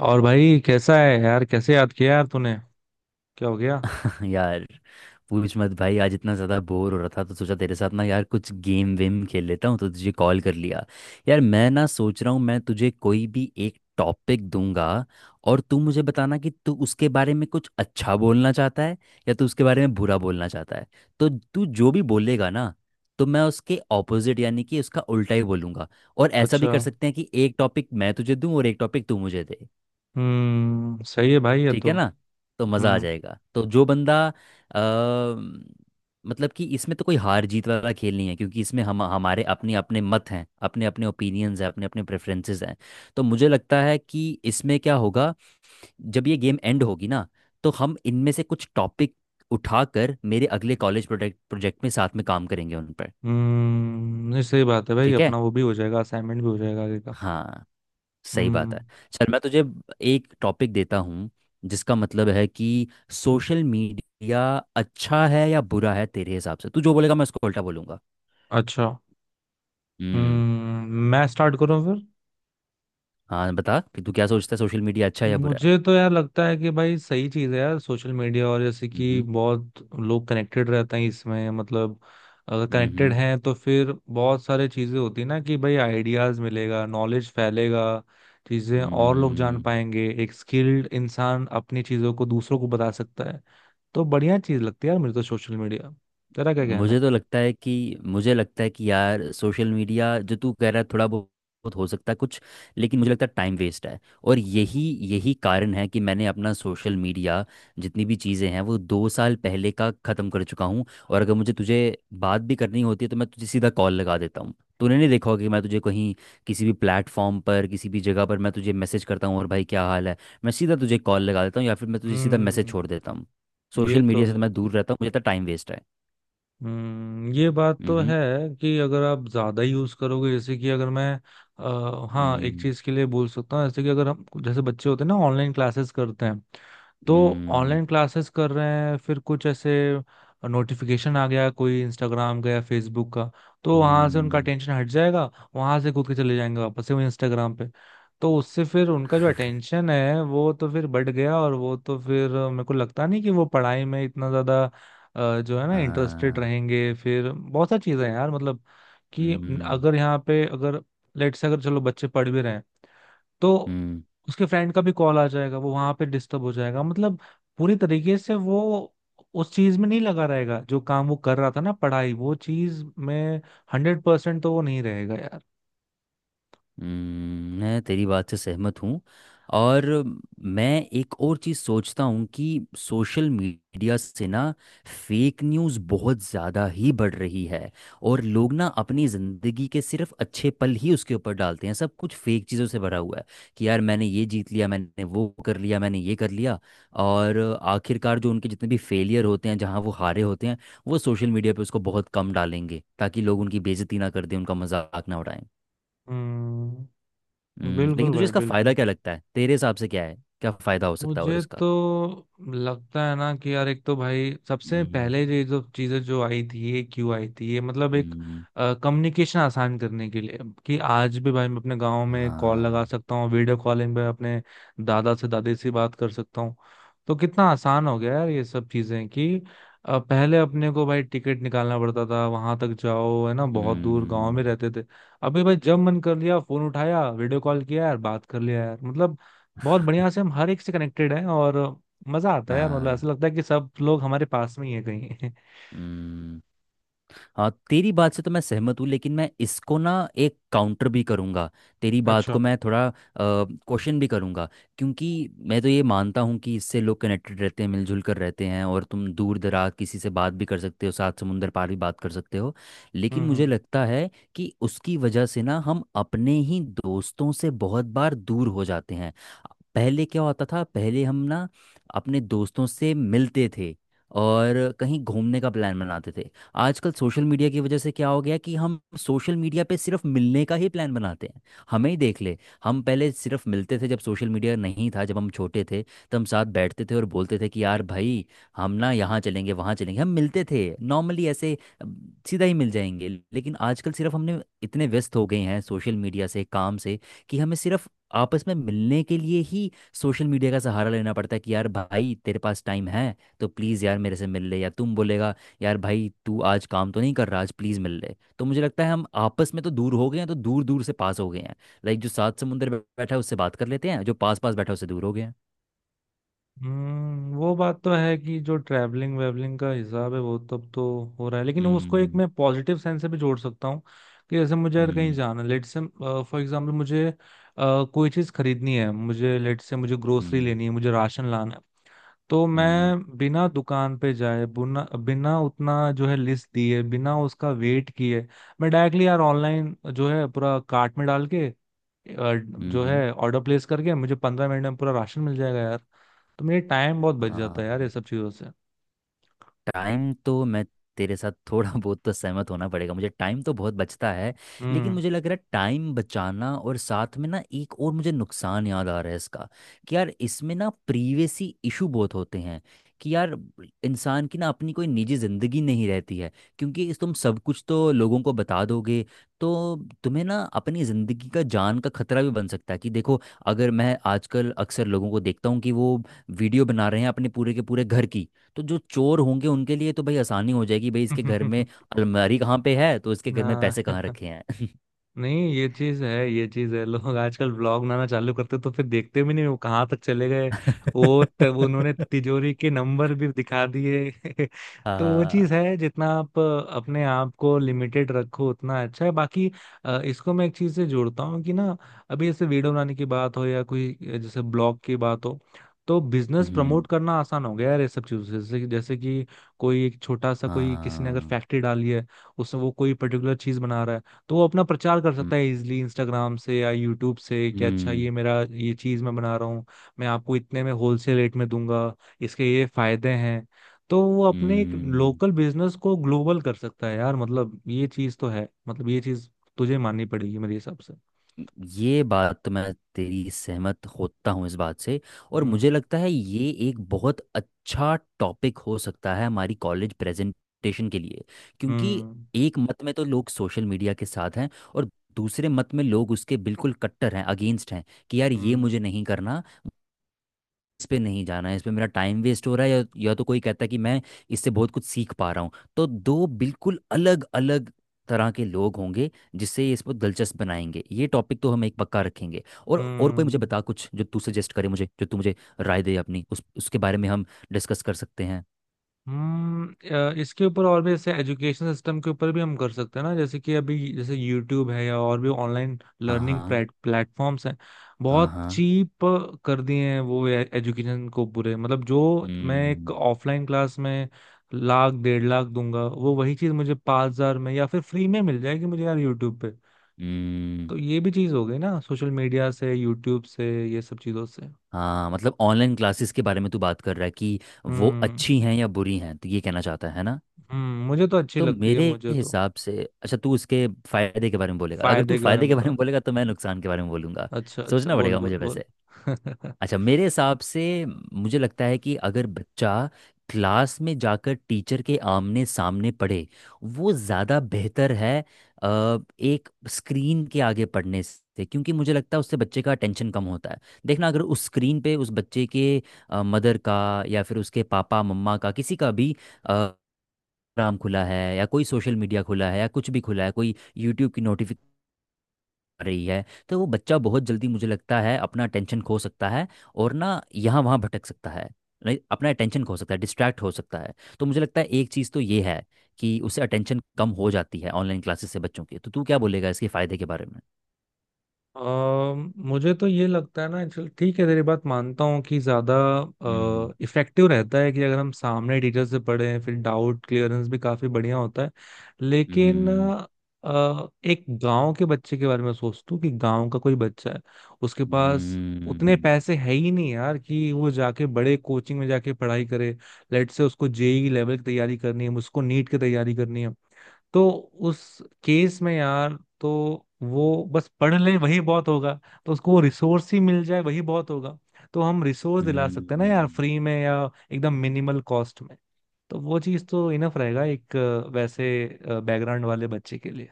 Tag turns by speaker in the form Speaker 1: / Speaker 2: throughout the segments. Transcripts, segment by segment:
Speaker 1: और भाई कैसा है यार? कैसे याद किया यार तूने? क्या हो गया?
Speaker 2: यार, पूछ मत भाई। आज इतना ज़्यादा बोर हो रहा था तो सोचा तेरे साथ ना यार कुछ गेम वेम खेल लेता हूँ तो तुझे कॉल कर लिया। यार मैं ना सोच रहा हूँ, मैं तुझे कोई भी एक टॉपिक दूंगा और तू मुझे बताना कि तू उसके बारे में कुछ अच्छा बोलना चाहता है या तू उसके बारे में बुरा बोलना चाहता है। तो तू जो भी बोलेगा ना, तो मैं उसके ऑपोजिट यानी कि उसका उल्टा ही बोलूंगा। और ऐसा भी
Speaker 1: अच्छा।
Speaker 2: कर सकते हैं कि एक टॉपिक मैं तुझे दूं और एक टॉपिक तू मुझे दे।
Speaker 1: हम्म, सही है भाई ये
Speaker 2: ठीक है
Speaker 1: तो।
Speaker 2: ना। तो मज़ा आ
Speaker 1: हम्म।
Speaker 2: जाएगा। तो जो बंदा मतलब कि इसमें तो कोई हार जीत वाला खेल नहीं है क्योंकि इसमें हम हमारे अपने अपने मत हैं, अपने अपने ओपिनियंस हैं, अपने अपने प्रेफरेंसेस हैं। तो मुझे लगता है कि इसमें क्या होगा, जब ये गेम एंड होगी ना तो हम इनमें से कुछ टॉपिक उठाकर मेरे अगले कॉलेज प्रोजेक्ट प्रोजेक्ट में साथ में काम करेंगे उन पर।
Speaker 1: हम्म, नहीं सही बात है भाई,
Speaker 2: ठीक है।
Speaker 1: अपना वो भी हो जाएगा, असाइनमेंट भी हो जाएगा आगे का।
Speaker 2: हाँ, सही बात
Speaker 1: हम्म।
Speaker 2: है। चल, मैं तुझे एक टॉपिक देता हूँ जिसका मतलब है कि सोशल मीडिया अच्छा है या बुरा है। तेरे हिसाब से तू जो बोलेगा मैं उसको उल्टा बोलूंगा।
Speaker 1: अच्छा।
Speaker 2: हम्म।
Speaker 1: हम्म, मैं स्टार्ट करूँ फिर?
Speaker 2: हाँ, बता कि तू क्या सोचता है, सोशल मीडिया अच्छा है या बुरा है।
Speaker 1: मुझे तो यार लगता है कि भाई सही चीज़ है यार सोशल मीडिया। और जैसे कि
Speaker 2: हम्म।
Speaker 1: बहुत लोग कनेक्टेड रहते हैं इसमें, मतलब अगर कनेक्टेड
Speaker 2: हम्म।
Speaker 1: हैं तो फिर बहुत सारे चीज़ें होती है ना, कि भाई आइडियाज़ मिलेगा, नॉलेज फैलेगा, चीज़ें और लोग जान
Speaker 2: हम्म
Speaker 1: पाएंगे। एक स्किल्ड इंसान अपनी चीज़ों को दूसरों को बता सकता है। तो बढ़िया चीज़ लगती है यार मुझे तो सोशल मीडिया। तेरा क्या कहना
Speaker 2: मुझे
Speaker 1: है?
Speaker 2: तो लगता है कि मुझे लगता है कि यार सोशल मीडिया जो तू कह रहा है थोड़ा बहुत बहुत हो सकता है कुछ, लेकिन मुझे लगता है टाइम वेस्ट है। और यही यही कारण है कि मैंने अपना सोशल मीडिया, जितनी भी चीज़ें हैं, वो दो साल पहले का ख़त्म कर चुका हूँ। और अगर मुझे तुझे बात भी करनी होती है तो मैं तुझे सीधा कॉल लगा देता हूँ। तूने नहीं देखा होगा कि मैं तुझे कहीं किसी भी प्लेटफॉर्म पर किसी भी जगह पर मैं तुझे मैसेज करता हूँ और भाई क्या हाल है, मैं सीधा तुझे कॉल लगा देता हूँ या फिर मैं तुझे सीधा मैसेज
Speaker 1: हम्म,
Speaker 2: छोड़ देता हूँ।
Speaker 1: ये
Speaker 2: सोशल
Speaker 1: तो
Speaker 2: मीडिया से तो
Speaker 1: है।
Speaker 2: मैं दूर रहता हूँ, मुझे तो टाइम वेस्ट है।
Speaker 1: हम्म, ये बात तो
Speaker 2: मम्हम्म।
Speaker 1: है कि अगर आप ज्यादा यूज करोगे। जैसे कि अगर मैं, हाँ, एक
Speaker 2: 음,
Speaker 1: चीज के लिए बोल सकता हूँ। जैसे कि अगर हम, जैसे बच्चे होते हैं ना ऑनलाइन क्लासेस करते हैं, तो
Speaker 2: 음,
Speaker 1: ऑनलाइन क्लासेस कर रहे हैं फिर कुछ ऐसे नोटिफिकेशन आ गया कोई इंस्टाग्राम का या फेसबुक का, तो वहां से उनका
Speaker 2: 음,
Speaker 1: अटेंशन हट जाएगा। वहां से कूद के चले जाएंगे वापस से वो इंस्टाग्राम पे। तो उससे फिर उनका जो अटेंशन है वो तो फिर बढ़ गया, और वो तो फिर मेरे को लगता नहीं कि वो पढ़ाई में इतना ज्यादा जो है ना, इंटरेस्टेड
Speaker 2: 아,
Speaker 1: रहेंगे। फिर बहुत सारी चीजें हैं यार, मतलब कि
Speaker 2: 음,
Speaker 1: अगर यहाँ पे, अगर लेट से अगर चलो बच्चे पढ़ भी रहे हैं, तो
Speaker 2: 음.
Speaker 1: उसके फ्रेंड का भी कॉल आ जाएगा, वो वहां पे डिस्टर्ब हो जाएगा। मतलब पूरी तरीके से वो उस चीज में नहीं लगा रहेगा जो काम वो कर रहा था ना, पढ़ाई वो चीज में 100% तो वो नहीं रहेगा यार।
Speaker 2: मैं तेरी बात से सहमत हूँ। और मैं एक और चीज़ सोचता हूँ कि सोशल मीडिया से ना फेक न्यूज़ बहुत ज़्यादा ही बढ़ रही है। और लोग ना अपनी ज़िंदगी के सिर्फ अच्छे पल ही उसके ऊपर डालते हैं, सब कुछ फेक चीज़ों से भरा हुआ है कि यार मैंने ये जीत लिया, मैंने वो कर लिया, मैंने ये कर लिया। और आखिरकार जो उनके जितने भी फेलियर होते हैं, जहाँ वो हारे होते हैं, वो सोशल मीडिया पे उसको बहुत कम डालेंगे ताकि लोग उनकी बेइज्जती ना कर दें, उनका मजाक ना उड़ाएं।
Speaker 1: हम्म।
Speaker 2: लेकिन
Speaker 1: बिल्कुल
Speaker 2: तुझे
Speaker 1: भाई
Speaker 2: इसका फायदा
Speaker 1: बिल्कुल।
Speaker 2: क्या लगता है, तेरे हिसाब से क्या है, क्या फायदा हो सकता है और
Speaker 1: मुझे
Speaker 2: इसका।
Speaker 1: तो लगता है ना कि यार एक तो भाई सबसे
Speaker 2: हम्म।
Speaker 1: पहले ये जो चीजें जो आई थी ये क्यों आई थी, ये मतलब एक
Speaker 2: हम्म।
Speaker 1: कम्युनिकेशन आसान करने के लिए। कि आज भी भाई मैं अपने गांव में कॉल
Speaker 2: हाँ।
Speaker 1: लगा सकता हूँ, वीडियो कॉलिंग पे अपने दादा से दादी से बात कर सकता हूँ। तो कितना आसान हो गया यार ये सब चीजें। कि पहले अपने को भाई टिकट निकालना पड़ता था, वहां तक जाओ, है ना, बहुत दूर गांव में
Speaker 2: हम्म।
Speaker 1: रहते थे। अभी भाई जब मन कर लिया फोन उठाया वीडियो कॉल किया यार, बात कर लिया यार, मतलब बहुत बढ़िया से हम हर एक से कनेक्टेड हैं। और मजा आता है यार, मतलब ऐसा
Speaker 2: हाँ।
Speaker 1: लगता है कि सब लोग हमारे पास में ही है कहीं
Speaker 2: हम्म। हाँ, तेरी बात से तो मैं सहमत हूँ लेकिन मैं इसको ना एक काउंटर भी करूँगा, तेरी बात को
Speaker 1: अच्छा।
Speaker 2: मैं थोड़ा क्वेश्चन भी करूँगा। क्योंकि मैं तो ये मानता हूँ कि इससे लोग कनेक्टेड रहते हैं, मिलजुल कर रहते हैं और तुम दूर दराज किसी से बात भी कर सकते हो, सात समुंदर पार भी बात कर सकते हो। लेकिन मुझे
Speaker 1: हम्म।
Speaker 2: लगता है कि उसकी वजह से ना हम अपने ही दोस्तों से बहुत बार दूर हो जाते हैं। पहले क्या होता था, पहले हम ना अपने दोस्तों से मिलते थे और कहीं घूमने का प्लान बनाते थे। आजकल सोशल मीडिया की वजह से क्या हो गया कि हम सोशल मीडिया पे सिर्फ मिलने का ही प्लान बनाते हैं। हमें ही देख ले, हम पहले सिर्फ मिलते थे, जब सोशल मीडिया नहीं था, जब हम छोटे थे, तो हम साथ बैठते थे और बोलते थे कि यार भाई हम ना यहाँ चलेंगे, वहाँ चलेंगे। हम मिलते थे नॉर्मली ऐसे अ, सीधा ही मिल जाएंगे। लेकिन आजकल सिर्फ हमने इतने व्यस्त हो गए हैं सोशल मीडिया से, काम से कि हमें सिर्फ आपस में मिलने के लिए ही सोशल मीडिया का सहारा लेना पड़ता है कि यार भाई तेरे पास टाइम है तो प्लीज़ यार मेरे से मिल ले, या तुम बोलेगा यार भाई तू आज काम तो नहीं कर रहा, आज प्लीज़ मिल ले। तो मुझे लगता है हम आपस में तो दूर हो गए हैं तो दूर दूर से पास हो गए हैं। लाइक जो सात समुंदर बैठा है उससे बात कर लेते हैं, जो पास पास बैठा है उससे दूर हो गए हैं।
Speaker 1: हम्म, वो बात तो है कि जो ट्रैवलिंग वेवलिंग का हिसाब है वो तब तो हो रहा है, लेकिन उसको एक
Speaker 2: हम्म।
Speaker 1: मैं पॉजिटिव सेंस से भी जोड़ सकता हूँ। कि जैसे मुझे अगर कहीं
Speaker 2: हम्म।
Speaker 1: जाना, लेट से फॉर एग्जांपल मुझे कोई चीज़ खरीदनी है, मुझे लेट से मुझे ग्रोसरी
Speaker 2: हम्म।
Speaker 1: लेनी है, मुझे राशन लाना, तो
Speaker 2: हम्म।
Speaker 1: मैं बिना दुकान पे जाए, बिना बिना उतना जो है लिस्ट दिए, बिना उसका वेट किए, मैं डायरेक्टली यार ऑनलाइन जो है पूरा कार्ट में डाल के अ, जो
Speaker 2: हम्म,
Speaker 1: है ऑर्डर प्लेस करके मुझे 15 मिनट में पूरा राशन मिल जाएगा यार। तो मेरे टाइम बहुत बच जाता
Speaker 2: हाँ,
Speaker 1: है यार ये सब चीजों से।
Speaker 2: टाइम तो मैं तेरे साथ थोड़ा बहुत तो सहमत होना पड़ेगा मुझे, टाइम तो बहुत बचता है। लेकिन
Speaker 1: हम्म।
Speaker 2: मुझे लग रहा है टाइम बचाना और साथ में ना एक और मुझे नुकसान याद आ रहा है इसका कि यार इसमें ना प्रीवेसी इशू बहुत होते हैं कि यार इंसान की ना अपनी कोई निजी ज़िंदगी नहीं रहती है क्योंकि इस तुम सब कुछ तो लोगों को बता दोगे तो तुम्हें ना अपनी ज़िंदगी का, जान का खतरा भी बन सकता है कि देखो, अगर मैं आजकल अक्सर लोगों को देखता हूँ कि वो वीडियो बना रहे हैं अपने पूरे के पूरे घर की, तो जो चोर होंगे उनके लिए तो भाई आसानी हो जाएगी, भाई इसके घर में अलमारी कहाँ पे है, तो इसके घर में पैसे कहाँ
Speaker 1: हाँ,
Speaker 2: रखे हैं।
Speaker 1: नहीं ये चीज है, ये चीज है। लोग आजकल ब्लॉग बनाना चालू करते तो फिर देखते भी नहीं वो कहाँ तक चले गए। वो तब उन्होंने तिजोरी के नंबर भी दिखा दिए तो वो चीज
Speaker 2: हाँ।
Speaker 1: है, जितना आप अपने आप को लिमिटेड रखो उतना अच्छा है। बाकी इसको मैं एक चीज से जोड़ता हूँ कि ना, अभी जैसे वीडियो बनाने की बात हो, या कोई जैसे ब्लॉग की बात हो, तो बिजनेस प्रमोट
Speaker 2: हम्म।
Speaker 1: करना आसान हो गया यार ये सब चीजों से। जैसे जैसे कि कोई एक छोटा सा, कोई किसी ने अगर
Speaker 2: हाँ।
Speaker 1: फैक्ट्री डाली है, उसमें वो कोई पर्टिकुलर चीज बना रहा है, तो वो अपना प्रचार कर
Speaker 2: हम्म।
Speaker 1: सकता है इजिली इंस्टाग्राम से या यूट्यूब से कि अच्छा ये
Speaker 2: हम्म,
Speaker 1: मेरा ये चीज मैं बना रहा हूँ, मैं आपको इतने में होलसेल रेट में दूंगा, इसके ये फायदे हैं। तो वो अपने एक
Speaker 2: हम्म,
Speaker 1: लोकल बिजनेस को ग्लोबल कर सकता है यार, मतलब ये चीज तो है, मतलब ये चीज तुझे माननी पड़ेगी मेरे हिसाब से।
Speaker 2: ये बात तो मैं तेरी सहमत होता हूँ इस बात से। और
Speaker 1: हम्म।
Speaker 2: मुझे लगता है ये एक बहुत अच्छा टॉपिक हो सकता है हमारी कॉलेज प्रेजेंटेशन के लिए क्योंकि
Speaker 1: हम्म।
Speaker 2: एक मत में तो लोग सोशल मीडिया के साथ हैं और दूसरे मत में लोग उसके बिल्कुल कट्टर हैं, अगेंस्ट हैं कि यार ये
Speaker 1: हम्म।
Speaker 2: मुझे नहीं करना, इस पे नहीं जाना है, इस पे मेरा टाइम वेस्ट हो रहा है, या तो कोई कहता है कि मैं इससे बहुत कुछ सीख पा रहा हूँ। तो दो बिल्कुल अलग अलग तरह के लोग होंगे जिससे ये इसको दिलचस्प बनाएंगे। ये टॉपिक तो हम एक पक्का रखेंगे। और कोई मुझे
Speaker 1: हम्म।
Speaker 2: बता कुछ, जो तू सजेस्ट करे मुझे, जो तू मुझे राय दे अपनी, उस उसके बारे में हम डिस्कस कर सकते हैं।
Speaker 1: हम्म। इसके ऊपर और भी जैसे एजुकेशन सिस्टम के ऊपर भी हम कर सकते हैं ना। जैसे कि अभी जैसे यूट्यूब है, या और भी ऑनलाइन
Speaker 2: हाँ,
Speaker 1: लर्निंग
Speaker 2: हाँ।
Speaker 1: प्लेटफॉर्म्स हैं,
Speaker 2: हाँ,
Speaker 1: बहुत
Speaker 2: हाँ।
Speaker 1: चीप कर दिए हैं वो एजुकेशन को पूरे। मतलब जो मैं एक
Speaker 2: हम्म।
Speaker 1: ऑफलाइन क्लास में 1 लाख, 1.5 लाख दूंगा, वो वही चीज मुझे 5,000 में या फिर फ्री में मिल जाएगी मुझे यार यूट्यूब पे।
Speaker 2: हम्म।
Speaker 1: तो ये भी चीज हो गई ना सोशल मीडिया से, यूट्यूब से, ये सब चीजों से।
Speaker 2: हाँ, मतलब ऑनलाइन क्लासेस के बारे में तू बात कर रहा है कि वो
Speaker 1: हम्म।
Speaker 2: अच्छी हैं या बुरी हैं, तो ये कहना चाहता है ना।
Speaker 1: हम्म, मुझे तो अच्छी
Speaker 2: तो
Speaker 1: लगती है
Speaker 2: मेरे
Speaker 1: मुझे तो।
Speaker 2: हिसाब से, अच्छा, तू उसके फायदे के बारे में बोलेगा, अगर तू
Speaker 1: फायदे के बारे में
Speaker 2: फायदे के
Speaker 1: बता
Speaker 2: बारे
Speaker 1: रहा
Speaker 2: में
Speaker 1: हूँ।
Speaker 2: बोलेगा तो मैं नुकसान के बारे में बोलूंगा।
Speaker 1: अच्छा अच्छा,
Speaker 2: सोचना
Speaker 1: बोल
Speaker 2: पड़ेगा
Speaker 1: बोल
Speaker 2: मुझे
Speaker 1: बोल।
Speaker 2: वैसे। अच्छा, मेरे हिसाब से मुझे लगता है कि अगर बच्चा क्लास में जाकर टीचर के आमने सामने पढ़े, वो ज़्यादा बेहतर है एक स्क्रीन के आगे पढ़ने से। क्योंकि मुझे लगता है उससे बच्चे का टेंशन कम होता है। देखना, अगर उस स्क्रीन पे उस बच्चे के मदर का या फिर उसके पापा मम्मा का किसी का भी इंस्टाग्राम खुला है या कोई सोशल मीडिया खुला है या कुछ भी खुला है, कोई यूट्यूब की नोटिफिकेशन आ रही है, तो वो बच्चा बहुत जल्दी मुझे लगता है अपना अटेंशन खो सकता है और ना यहाँ वहाँ भटक सकता है, नहीं अपना अटेंशन खो सकता है, डिस्ट्रैक्ट हो सकता है। तो मुझे लगता है एक चीज़ तो ये है कि उससे अटेंशन कम हो जाती है ऑनलाइन क्लासेस से बच्चों की। तो तू क्या बोलेगा इसके फ़ायदे के बारे में।
Speaker 1: मुझे तो ये लगता है ना, चल ठीक है तेरी बात मानता हूँ कि ज्यादा
Speaker 2: हम्म।
Speaker 1: इफेक्टिव रहता है कि अगर हम सामने टीचर से पढ़ें, फिर डाउट क्लियरेंस भी काफी बढ़िया होता है। लेकिन
Speaker 2: हम्म।
Speaker 1: एक गांव के बच्चे के बारे में सोचता हूँ कि गांव का कोई बच्चा है, उसके पास उतने
Speaker 2: हम्म।
Speaker 1: पैसे है ही नहीं यार कि वो जाके बड़े कोचिंग में जाके पढ़ाई करे। लेट से उसको जेई लेवल की तैयारी करनी है, उसको नीट की तैयारी करनी है, तो उस केस में यार तो वो बस पढ़ ले वही बहुत होगा। तो उसको वो रिसोर्स ही मिल जाए वही बहुत होगा। तो हम रिसोर्स दिला
Speaker 2: हम्म।
Speaker 1: सकते हैं ना यार,
Speaker 2: हम्म।
Speaker 1: फ्री में या एकदम मिनिमल कॉस्ट में। तो वो चीज़ तो इनफ रहेगा एक वैसे बैकग्राउंड वाले बच्चे के लिए।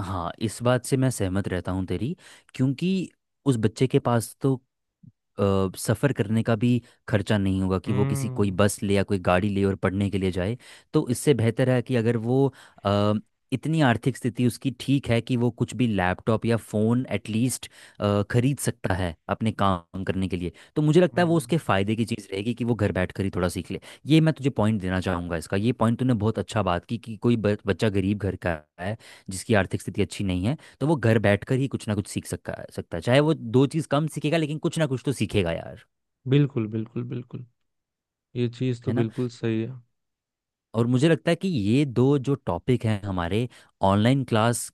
Speaker 2: हाँ, इस बात से मैं सहमत रहता हूँ तेरी क्योंकि उस बच्चे के पास तो सफ़र करने का भी खर्चा नहीं होगा कि वो किसी कोई
Speaker 1: हम्म।
Speaker 2: बस ले या कोई गाड़ी ले और पढ़ने के लिए जाए। तो इससे बेहतर है कि अगर वो अ, इतनी आर्थिक स्थिति उसकी ठीक है कि वो कुछ भी लैपटॉप या फ़ोन एटलीस्ट खरीद सकता है अपने काम करने के लिए तो मुझे लगता है वो
Speaker 1: हम्म,
Speaker 2: उसके फ़ायदे की चीज़ रहेगी कि वो घर बैठ कर ही थोड़ा सीख ले। ये मैं तुझे पॉइंट देना चाहूँगा इसका। ये पॉइंट तूने बहुत अच्छा बात की कि कोई बच्चा गरीब घर का है, जिसकी आर्थिक स्थिति अच्छी नहीं है, तो वो घर बैठकर ही कुछ ना कुछ सीख सका सकता है। चाहे वो दो चीज़ कम सीखेगा लेकिन कुछ ना कुछ तो सीखेगा यार।
Speaker 1: बिल्कुल बिल्कुल बिल्कुल, ये चीज़
Speaker 2: है
Speaker 1: तो
Speaker 2: ना।
Speaker 1: बिल्कुल सही है।
Speaker 2: और मुझे लगता है कि ये दो जो टॉपिक हैं हमारे, ऑनलाइन क्लास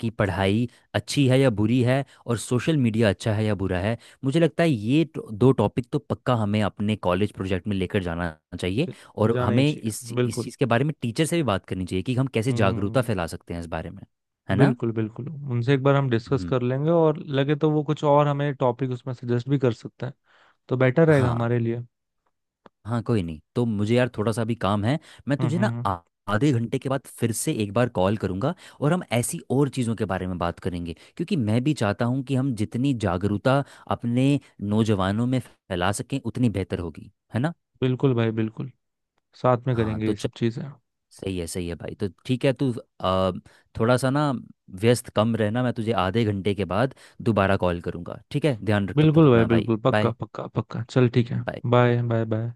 Speaker 2: की पढ़ाई अच्छी है या बुरी है और सोशल मीडिया अच्छा है या बुरा है, मुझे लगता है ये दो टॉपिक तो पक्का हमें अपने कॉलेज प्रोजेक्ट में लेकर जाना चाहिए।
Speaker 1: ज-
Speaker 2: और
Speaker 1: जाना ही
Speaker 2: हमें
Speaker 1: चाहिए,
Speaker 2: इस
Speaker 1: बिल्कुल।
Speaker 2: चीज़ के बारे में टीचर से भी बात करनी चाहिए कि हम कैसे जागरूकता
Speaker 1: हम्म।
Speaker 2: फैला सकते हैं इस बारे में। है ना।
Speaker 1: बिल्कुल बिल्कुल, उनसे एक बार हम डिस्कस
Speaker 2: हम्म।
Speaker 1: कर लेंगे, और लगे तो वो कुछ और हमें टॉपिक उसमें सजेस्ट भी कर सकते हैं, तो बेटर रहेगा
Speaker 2: हाँ।
Speaker 1: हमारे लिए।
Speaker 2: हाँ, कोई नहीं, तो मुझे यार थोड़ा सा भी काम है, मैं
Speaker 1: हम्म।
Speaker 2: तुझे
Speaker 1: हम्म।
Speaker 2: ना
Speaker 1: हम्म।
Speaker 2: आधे घंटे के बाद फिर से एक बार कॉल करूंगा और हम ऐसी और चीज़ों के बारे में बात करेंगे क्योंकि मैं भी चाहता हूँ कि हम जितनी जागरूकता अपने नौजवानों में फैला सकें उतनी बेहतर होगी। है ना।
Speaker 1: बिल्कुल भाई बिल्कुल, साथ में
Speaker 2: हाँ,
Speaker 1: करेंगे
Speaker 2: तो
Speaker 1: ये
Speaker 2: चल,
Speaker 1: सब चीजें।
Speaker 2: सही है, सही है भाई, तो ठीक है तू आ, थोड़ा सा ना व्यस्त कम रहना, मैं तुझे आधे घंटे के बाद दोबारा कॉल करूंगा। ठीक है, ध्यान रख तब तक
Speaker 1: बिल्कुल भाई
Speaker 2: अपना, भाई
Speaker 1: बिल्कुल, पक्का
Speaker 2: बाय।
Speaker 1: पक्का पक्का, चल ठीक है।
Speaker 2: बाय।
Speaker 1: Bye bye bye.